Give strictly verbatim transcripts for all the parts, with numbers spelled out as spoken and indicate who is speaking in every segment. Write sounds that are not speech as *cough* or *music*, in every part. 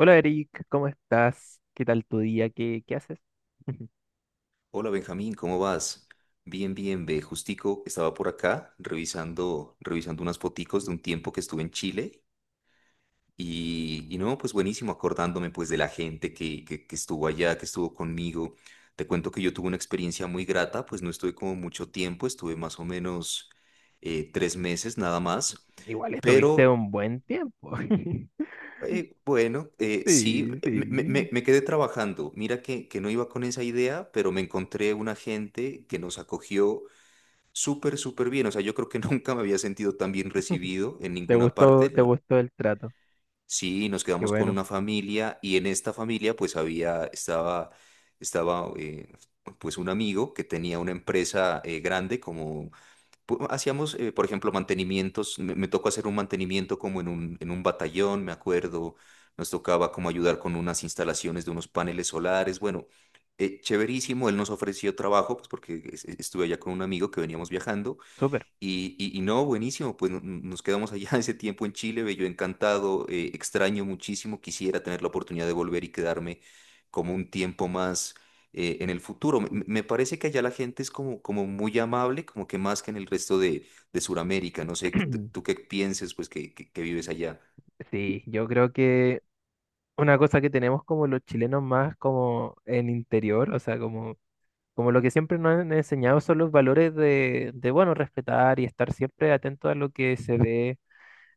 Speaker 1: Hola Eric, ¿cómo estás? ¿Qué tal tu día? ¿Qué, qué haces? *laughs*
Speaker 2: Hola Benjamín, ¿cómo vas? Bien, bien, ve, justico estaba por acá revisando, revisando unas foticos de un tiempo que estuve en Chile y, y no, pues buenísimo, acordándome pues de la gente que, que, que estuvo allá, que estuvo conmigo. Te cuento que yo tuve una experiencia muy grata, pues no estuve como mucho tiempo, estuve más o menos eh, tres meses nada más,
Speaker 1: Igual estuviste
Speaker 2: pero
Speaker 1: un buen tiempo. *laughs*
Speaker 2: eh, bueno, eh, sí,
Speaker 1: Sí,
Speaker 2: me, me- me-
Speaker 1: sí.
Speaker 2: me quedé trabajando. Mira que, que no iba con esa idea, pero me encontré una gente que nos acogió súper, súper bien. O sea, yo creo que *laughs* nunca me había sentido tan bien recibido en
Speaker 1: ¿Te
Speaker 2: ninguna
Speaker 1: gustó,
Speaker 2: parte,
Speaker 1: te
Speaker 2: ¿no?
Speaker 1: gustó el trato?
Speaker 2: Sí, nos
Speaker 1: Qué
Speaker 2: quedamos con
Speaker 1: bueno,
Speaker 2: una familia y en esta familia pues había, estaba, estaba eh, pues un amigo que tenía una empresa eh, grande como, pu- hacíamos, eh, por ejemplo, mantenimientos. Me, me tocó hacer un mantenimiento como en un, en un batallón, me acuerdo. Nos tocaba como ayudar con unas instalaciones de unos paneles solares. Bueno, eh, chéverísimo. Él nos ofreció trabajo pues porque es- estuve allá con un amigo que veníamos viajando.
Speaker 1: súper.
Speaker 2: Y, y- y no, buenísimo, pues no- no- nos quedamos allá *laughs* ese tiempo en Chile, yo encantado, eh, extraño muchísimo, quisiera tener la oportunidad de volver y quedarme como un tiempo más eh, en el futuro. Me, me parece que allá la gente es como, como muy amable, como que más que en el resto de, de Sudamérica, no sé, tú tú
Speaker 1: *clears throat*
Speaker 2: qué pienses, pues que, que que vives allá.
Speaker 1: Sí, yo creo que una cosa que tenemos como los chilenos más como en interior, o sea, como, como lo que siempre nos han enseñado son los valores de, de, bueno, respetar y estar siempre atento a lo que se *laughs* ve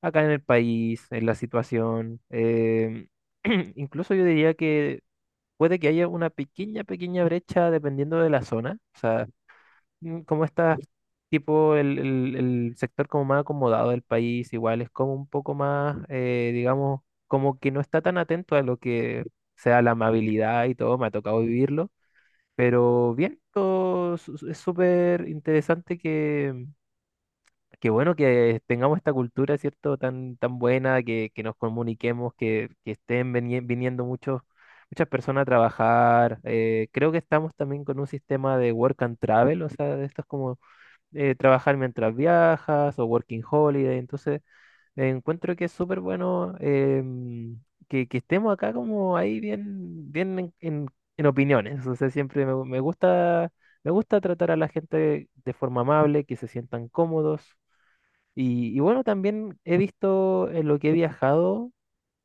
Speaker 1: acá en el país, en la situación. Em, *clears throat* incluso yo diría que puede que haya una pequeña, pequeña brecha dependiendo de la zona. O sea, mm, como está tipo el, el- el sector como más acomodado del país, igual es como un poco más, eh, digamos, como que no está tan atento a lo que sea la amabilidad y todo, me ha tocado vivirlo. Pero bien, todo su- su- es súper interesante. Qué bueno que tengamos esta cultura, ¿cierto? Tan, tan buena, que, que nos comuniquemos, que, que estén veni- viniendo muchos, muchas personas a trabajar. Eh, creo que estamos también con un sistema de work and travel, o sea, de estos como eh, trabajar mientras viajas o working holiday. Entonces, eh, encuentro que es súper bueno, em, que, que estemos acá como ahí bien, bien en, en- en opiniones. O sea, siempre me me gusta, me gusta tratar a la gente de forma amable, que se sientan cómodos. Y, y bueno, también he visto en lo que he viajado,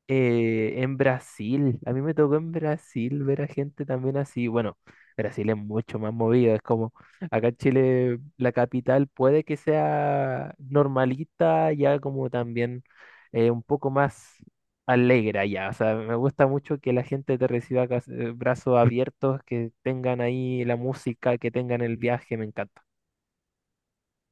Speaker 1: eh, en Brasil. A mí me tocó en Brasil ver a gente también así. Bueno, Brasil es mucho más movido. Es como acá en Chile, la capital puede que sea normalita, ya como también eh, un poco más alegre allá. O sea, me gusta mucho que la gente te reciba cas- eh, brazos abiertos, que tengan ahí la música, que tengan el viaje. Me encanta.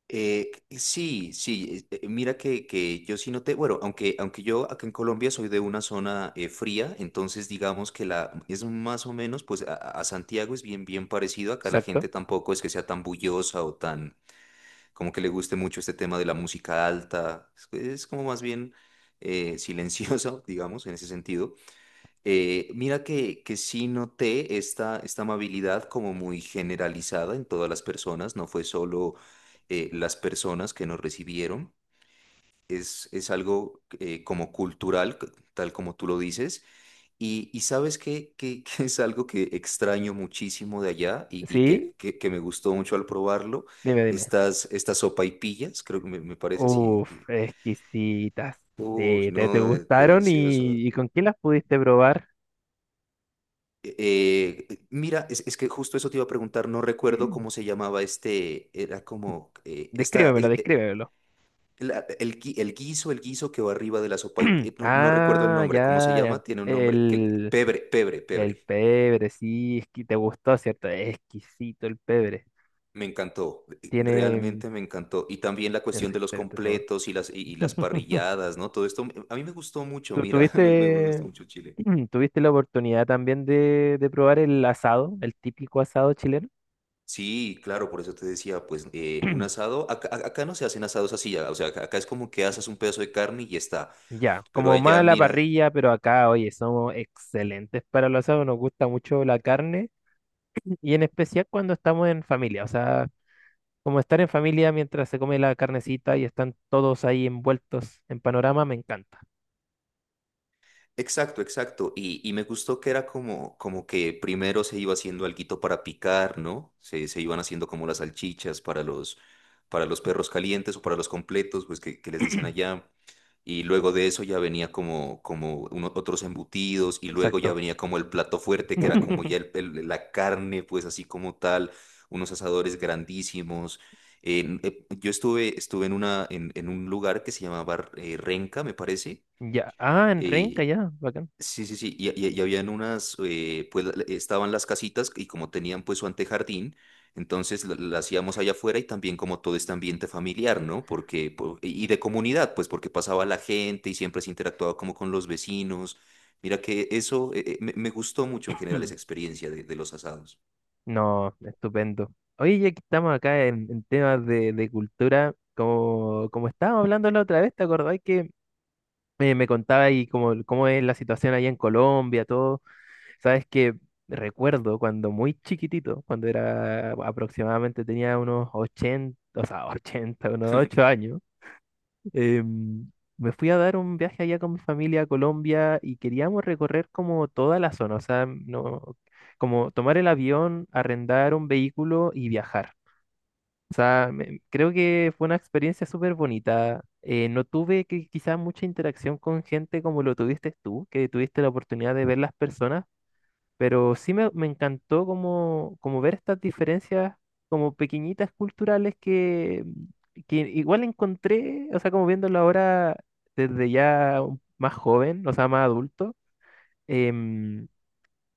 Speaker 2: Eh, sí, sí, eh, eh, mira que, que yo sí noté, bueno, aunque, aunque yo acá en Colombia soy de una zona eh, fría, entonces digamos que la es más o menos, pues a, a Santiago es bien, bien parecido, acá la
Speaker 1: Exacto.
Speaker 2: gente tampoco es que sea tan bullosa o tan, como que le guste mucho este tema de la música alta, es, es como más bien eh, silenciosa, *laughs* digamos, en ese sentido. Eh, mira que, que sí noté esta, esta amabilidad como muy generalizada en todas las personas, no fue solo eh, las personas que nos recibieron, es, es algo eh, como cultural, c- tal como tú lo dices, y, y sabes que, que, *laughs* que es algo que extraño muchísimo de allá y, y
Speaker 1: Sí,
Speaker 2: que, que, que me gustó mucho al probarlo,
Speaker 1: dime, dime.
Speaker 2: estas, estas sopaipillas, creo que me, me parece así,
Speaker 1: Uf,
Speaker 2: que,
Speaker 1: exquisitas.
Speaker 2: uy,
Speaker 1: Sí, te, te
Speaker 2: no, de-
Speaker 1: gustaron
Speaker 2: delicioso.
Speaker 1: y, ¿y con quién las pudiste probar?
Speaker 2: Eh, eh, mira, es, es que justo eso te iba a preguntar, no recuerdo cómo
Speaker 1: *clears throat*
Speaker 2: se llamaba este, era como, eh, esta,
Speaker 1: Descríbemelo,
Speaker 2: eh, eh,
Speaker 1: descríbemelo.
Speaker 2: la- el, gui- el guiso, el guiso que va arriba de la sopa,
Speaker 1: *clears throat*
Speaker 2: eh, no, no recuerdo el
Speaker 1: Ah,
Speaker 2: nombre, ¿cómo se
Speaker 1: ya, ya.
Speaker 2: llama? Tiene un nombre, que,
Speaker 1: El,
Speaker 2: pebre, pebre,
Speaker 1: el
Speaker 2: pebre.
Speaker 1: pebre, sí, es que te gustó, ¿cierto? Es exquisito el pebre.
Speaker 2: Me encantó, eh,
Speaker 1: Tiene
Speaker 2: realmente me encantó. Y también la
Speaker 1: es
Speaker 2: cuestión de los
Speaker 1: excelente sabor.
Speaker 2: completos y las, y, y las
Speaker 1: *laughs*
Speaker 2: parrilladas, ¿no? Todo esto, me- a mí me gustó mucho,
Speaker 1: ¿Tú
Speaker 2: mira, *laughs* me, me
Speaker 1: tuviste,
Speaker 2: gustó mucho Chile.
Speaker 1: *clears throat* tuviste la oportunidad también de, de probar el asado, el típico asado chileno?
Speaker 2: Sí, claro, por eso te decía, pues eh, un
Speaker 1: *clears throat*
Speaker 2: asado, acá, a- acá no se hacen asados así, ya, o sea, acá acá es como que asas un pedazo de carne y ya está.
Speaker 1: Ya,
Speaker 2: Pero
Speaker 1: como
Speaker 2: allá,
Speaker 1: más la
Speaker 2: mira,
Speaker 1: parrilla, pero acá, oye, somos excelentes para los asados, nos gusta mucho la carne y en especial cuando estamos en familia, o sea, como estar en familia mientras se come la carnecita y están todos ahí envueltos en panorama, me encanta.
Speaker 2: exacto, exacto. Y, y me gustó que era como, como que primero se iba haciendo alguito para picar, ¿no? Se, se iban haciendo como las salchichas para los, para los perros calientes o para los completos, pues que, que les dicen
Speaker 1: *clears throat*
Speaker 2: allá. Y luego de eso ya venía como, como uno- otros embutidos y luego ya
Speaker 1: Exacto.
Speaker 2: venía como el plato fuerte, que era como ya el-
Speaker 1: *laughs*
Speaker 2: el- la carne, pues así como tal, unos asadores grandísimos. En- eh, yo estuve, estuve en, una, en, en un lugar que se llamaba eh, Renca, me parece.
Speaker 1: Ya, ah, en Renca,
Speaker 2: eh,
Speaker 1: ya, bacán.
Speaker 2: Sí, sí, sí, y, y- y habían unas, eh, pues la- estaban las casitas y como tenían pues su antejardín, entonces la, la hacíamos allá afuera y también como todo este ambiente familiar, ¿no? Porque, po- y de comunidad, pues porque pasaba la gente y siempre se interactuaba como con los vecinos. Mira que eso eh, eh, me, me gustó mucho en
Speaker 1: *clears throat*
Speaker 2: general
Speaker 1: Hmm,
Speaker 2: esa experiencia de de los asados.
Speaker 1: No, estupendo. Oye, ya que estamos acá en, en temas de, de cultura, como, como estábamos hablando la otra vez, ¿te acordáis que eh, me contaba ahí cómo, cómo es la situación allá en Colombia, todo? Sabes que recuerdo cuando muy chiquitito, cuando era aproximadamente tenía unos ochenta o sea, *laughs* ochenta unos ocho años, em, me fui a dar un viaje allá con mi familia a Colombia y queríamos recorrer como toda la zona, o sea, no, como tomar el avión, arrendar un vehículo y viajar. O sea, me- creo que fue una experiencia súper bonita. Eh, no tuve que, quizás mucha interacción con gente como lo tuviste tú, que tuviste la oportunidad de ver las personas, pero sí me, me encantó como, como ver estas diferencias como pequeñitas culturales que, que igual encontré, o sea, como viéndolo ahora desde ya un- más joven, o sea, más adulto, em,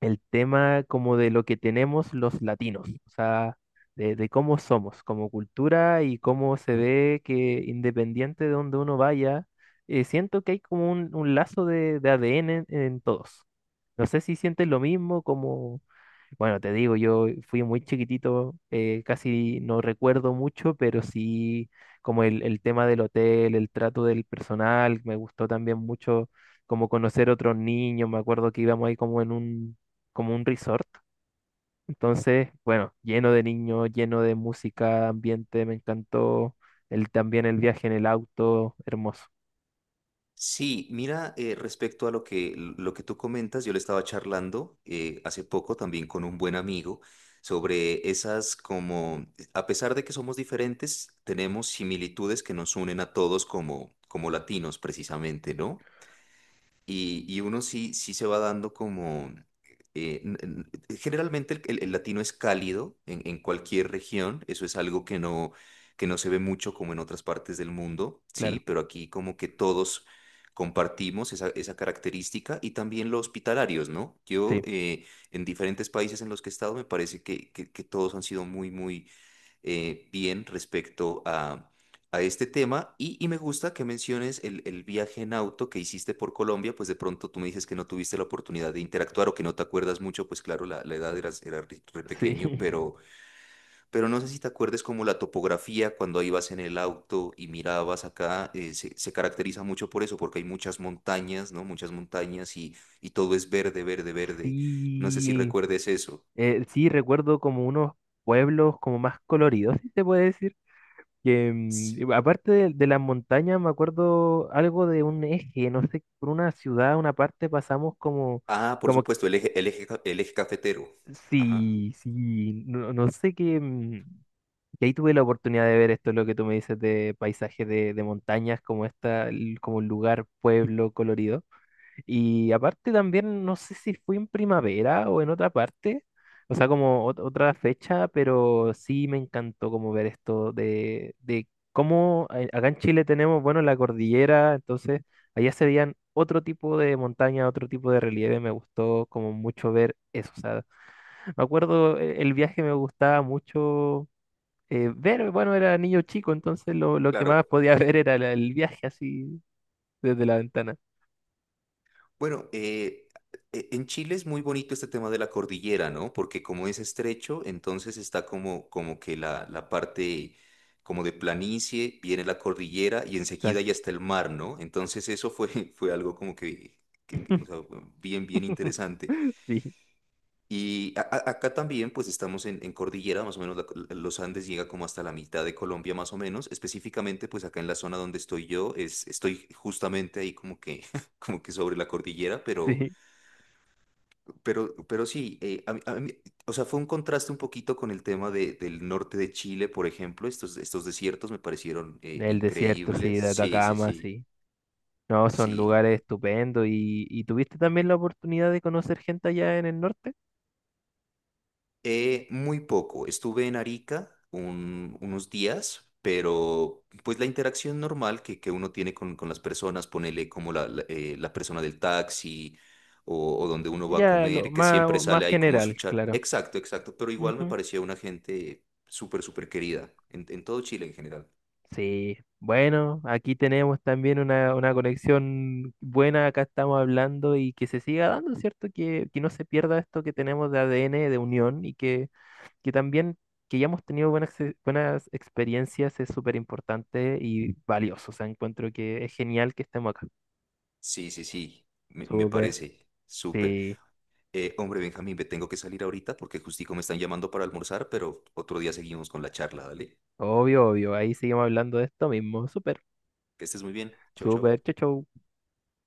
Speaker 1: el tema como de lo que tenemos los latinos, o sea, de, de cómo somos como cultura y cómo se ve que independiente de donde uno vaya, eh, siento que hay como un, un lazo de, de A D N en en todos. No sé si sientes lo mismo, como... Bueno, te digo, yo fui muy chiquitito, eh, casi no recuerdo mucho, pero sí como el, el tema del hotel, el trato del personal, me gustó también mucho como conocer otros niños, me acuerdo que íbamos ahí como en un, como un resort, entonces, bueno, lleno de niños, lleno de música, ambiente, me encantó el, también el viaje en el auto, hermoso,
Speaker 2: Sí, mira, eh, respecto a lo que, lo que tú comentas, yo le estaba charlando eh, hace poco también con un buen amigo sobre esas como, a pesar de que somos diferentes, tenemos similitudes que nos unen a todos como, como latinos precisamente, ¿no? Y, y uno sí, sí se va dando como... eh, n- n- eh, generalmente el, el- el latino es cálido en, en cualquier región, eso es algo que no, que no se ve mucho como en otras partes del mundo, ¿sí?
Speaker 1: claro,
Speaker 2: Pero aquí como que todos compartimos esa, esa característica y también los hospitalarios, ¿no? Yo
Speaker 1: sí,
Speaker 2: eh, en diferentes países en los que he estado me parece que, que, que todos han sido muy, muy eh, bien respecto a, a este tema y, y me gusta que menciones el, el viaje en auto que hiciste por Colombia, pues de pronto tú me dices que no tuviste la oportunidad de interactuar o que no te acuerdas mucho, pues claro, la, la edad era, era re re pequeño,
Speaker 1: sí,
Speaker 2: pero, pero no sé si te acuerdes como la topografía cuando ibas en el auto y mirabas acá, eh, se, se caracteriza mucho por eso, porque hay muchas montañas, ¿no? Muchas montañas y, y todo es verde, verde,
Speaker 1: *laughs*
Speaker 2: verde. No sé si
Speaker 1: sí.
Speaker 2: recuerdes eso.
Speaker 1: Eh, sí, recuerdo como unos pueblos como más coloridos, si se puede decir. Que,
Speaker 2: Sí.
Speaker 1: mm, aparte de, de las montañas, me acuerdo algo de un eje, no sé, por una ciudad, una parte pasamos como,
Speaker 2: Ah, por
Speaker 1: como,
Speaker 2: supuesto, el eje, el eje, ca- el eje cafetero. Ajá,
Speaker 1: sí, sí, no, no sé qué, mm, que ahí tuve la oportunidad de ver esto, lo que tú me dices de paisaje de, de montañas, como esta, l- como un lugar, pueblo colorido. Y aparte también, no sé si fue en primavera o en otra parte, o sea, como ot- otra fecha, pero sí me encantó como ver esto de, de cómo eh, acá en Chile tenemos, bueno, la cordillera, entonces allá se veían otro tipo de montaña, otro tipo de relieve, me gustó como mucho ver eso, o sea, me acuerdo eh, el viaje me gustaba mucho eh, ver, bueno, era niño chico, entonces lo, lo que más
Speaker 2: claro.
Speaker 1: podía *laughs* ver era la- el viaje así desde la ventana,
Speaker 2: Bueno, eh, e- en Chile es muy bonito este tema de la cordillera, ¿no? Porque como es estrecho, entonces está como, como que la, la parte como de planicie, viene la cordillera y enseguida ya
Speaker 1: exacto.
Speaker 2: está el mar, ¿no? Entonces eso fue, *laughs* fue algo como que, que- que, o sea,
Speaker 1: *laughs*
Speaker 2: bien, bien
Speaker 1: *laughs*
Speaker 2: interesante.
Speaker 1: Sí,
Speaker 2: Y a- a- acá también, pues estamos en, en cordillera, más o menos la los Andes llega como hasta la mitad de Colombia, más o menos. Específicamente, pues acá en la zona donde estoy yo, es, estoy justamente ahí como que, *laughs* como que sobre la cordillera, pero,
Speaker 1: sí.
Speaker 2: pero, pero sí, eh, a mí- a mí- o sea, fue un contraste un poquito con el tema de- del norte de Chile, por ejemplo. Estos, estos desiertos me parecieron eh,
Speaker 1: El desierto, sí,
Speaker 2: increíbles.
Speaker 1: de
Speaker 2: Sí, sí,
Speaker 1: Atacama,
Speaker 2: sí,
Speaker 1: sí. No, son
Speaker 2: sí.
Speaker 1: lugares estupendos. ¿Y, y tuviste también la oportunidad de conocer gente allá en el norte?
Speaker 2: Eh, muy poco. Estuve en Arica un- unos días, pero pues la interacción normal que, que uno tiene con, con las personas, ponele como la, la, eh, la persona del taxi o, o donde uno va a
Speaker 1: Ya, lo
Speaker 2: comer, que
Speaker 1: más,
Speaker 2: siempre
Speaker 1: más
Speaker 2: sale ahí como su
Speaker 1: general,
Speaker 2: char.
Speaker 1: claro.
Speaker 2: Exacto, exacto, pero igual me
Speaker 1: Ujú.
Speaker 2: parecía una gente súper, súper querida en, en todo Chile en general.
Speaker 1: Sí. Bueno, aquí tenemos también una, una conexión buena, acá estamos hablando y que se siga dando, ¿cierto? Que, que no se pierda esto que tenemos de A D N, de unión y que que también que hayamos tenido buenas, ex- buenas experiencias es súper importante y valioso. O sea, encuentro que es genial que estemos acá.
Speaker 2: Sí, sí, sí, me, me
Speaker 1: Súper,
Speaker 2: parece súper.
Speaker 1: sí,
Speaker 2: Eh, hombre, Benjamín, me tengo que salir ahorita porque justico me están llamando para almorzar, pero otro día seguimos con la charla, ¿vale?
Speaker 1: obvio, obvio. Ahí seguimos hablando de esto mismo. Súper,
Speaker 2: Que estés muy bien. Chau,
Speaker 1: súper,
Speaker 2: chau.
Speaker 1: chau, chau.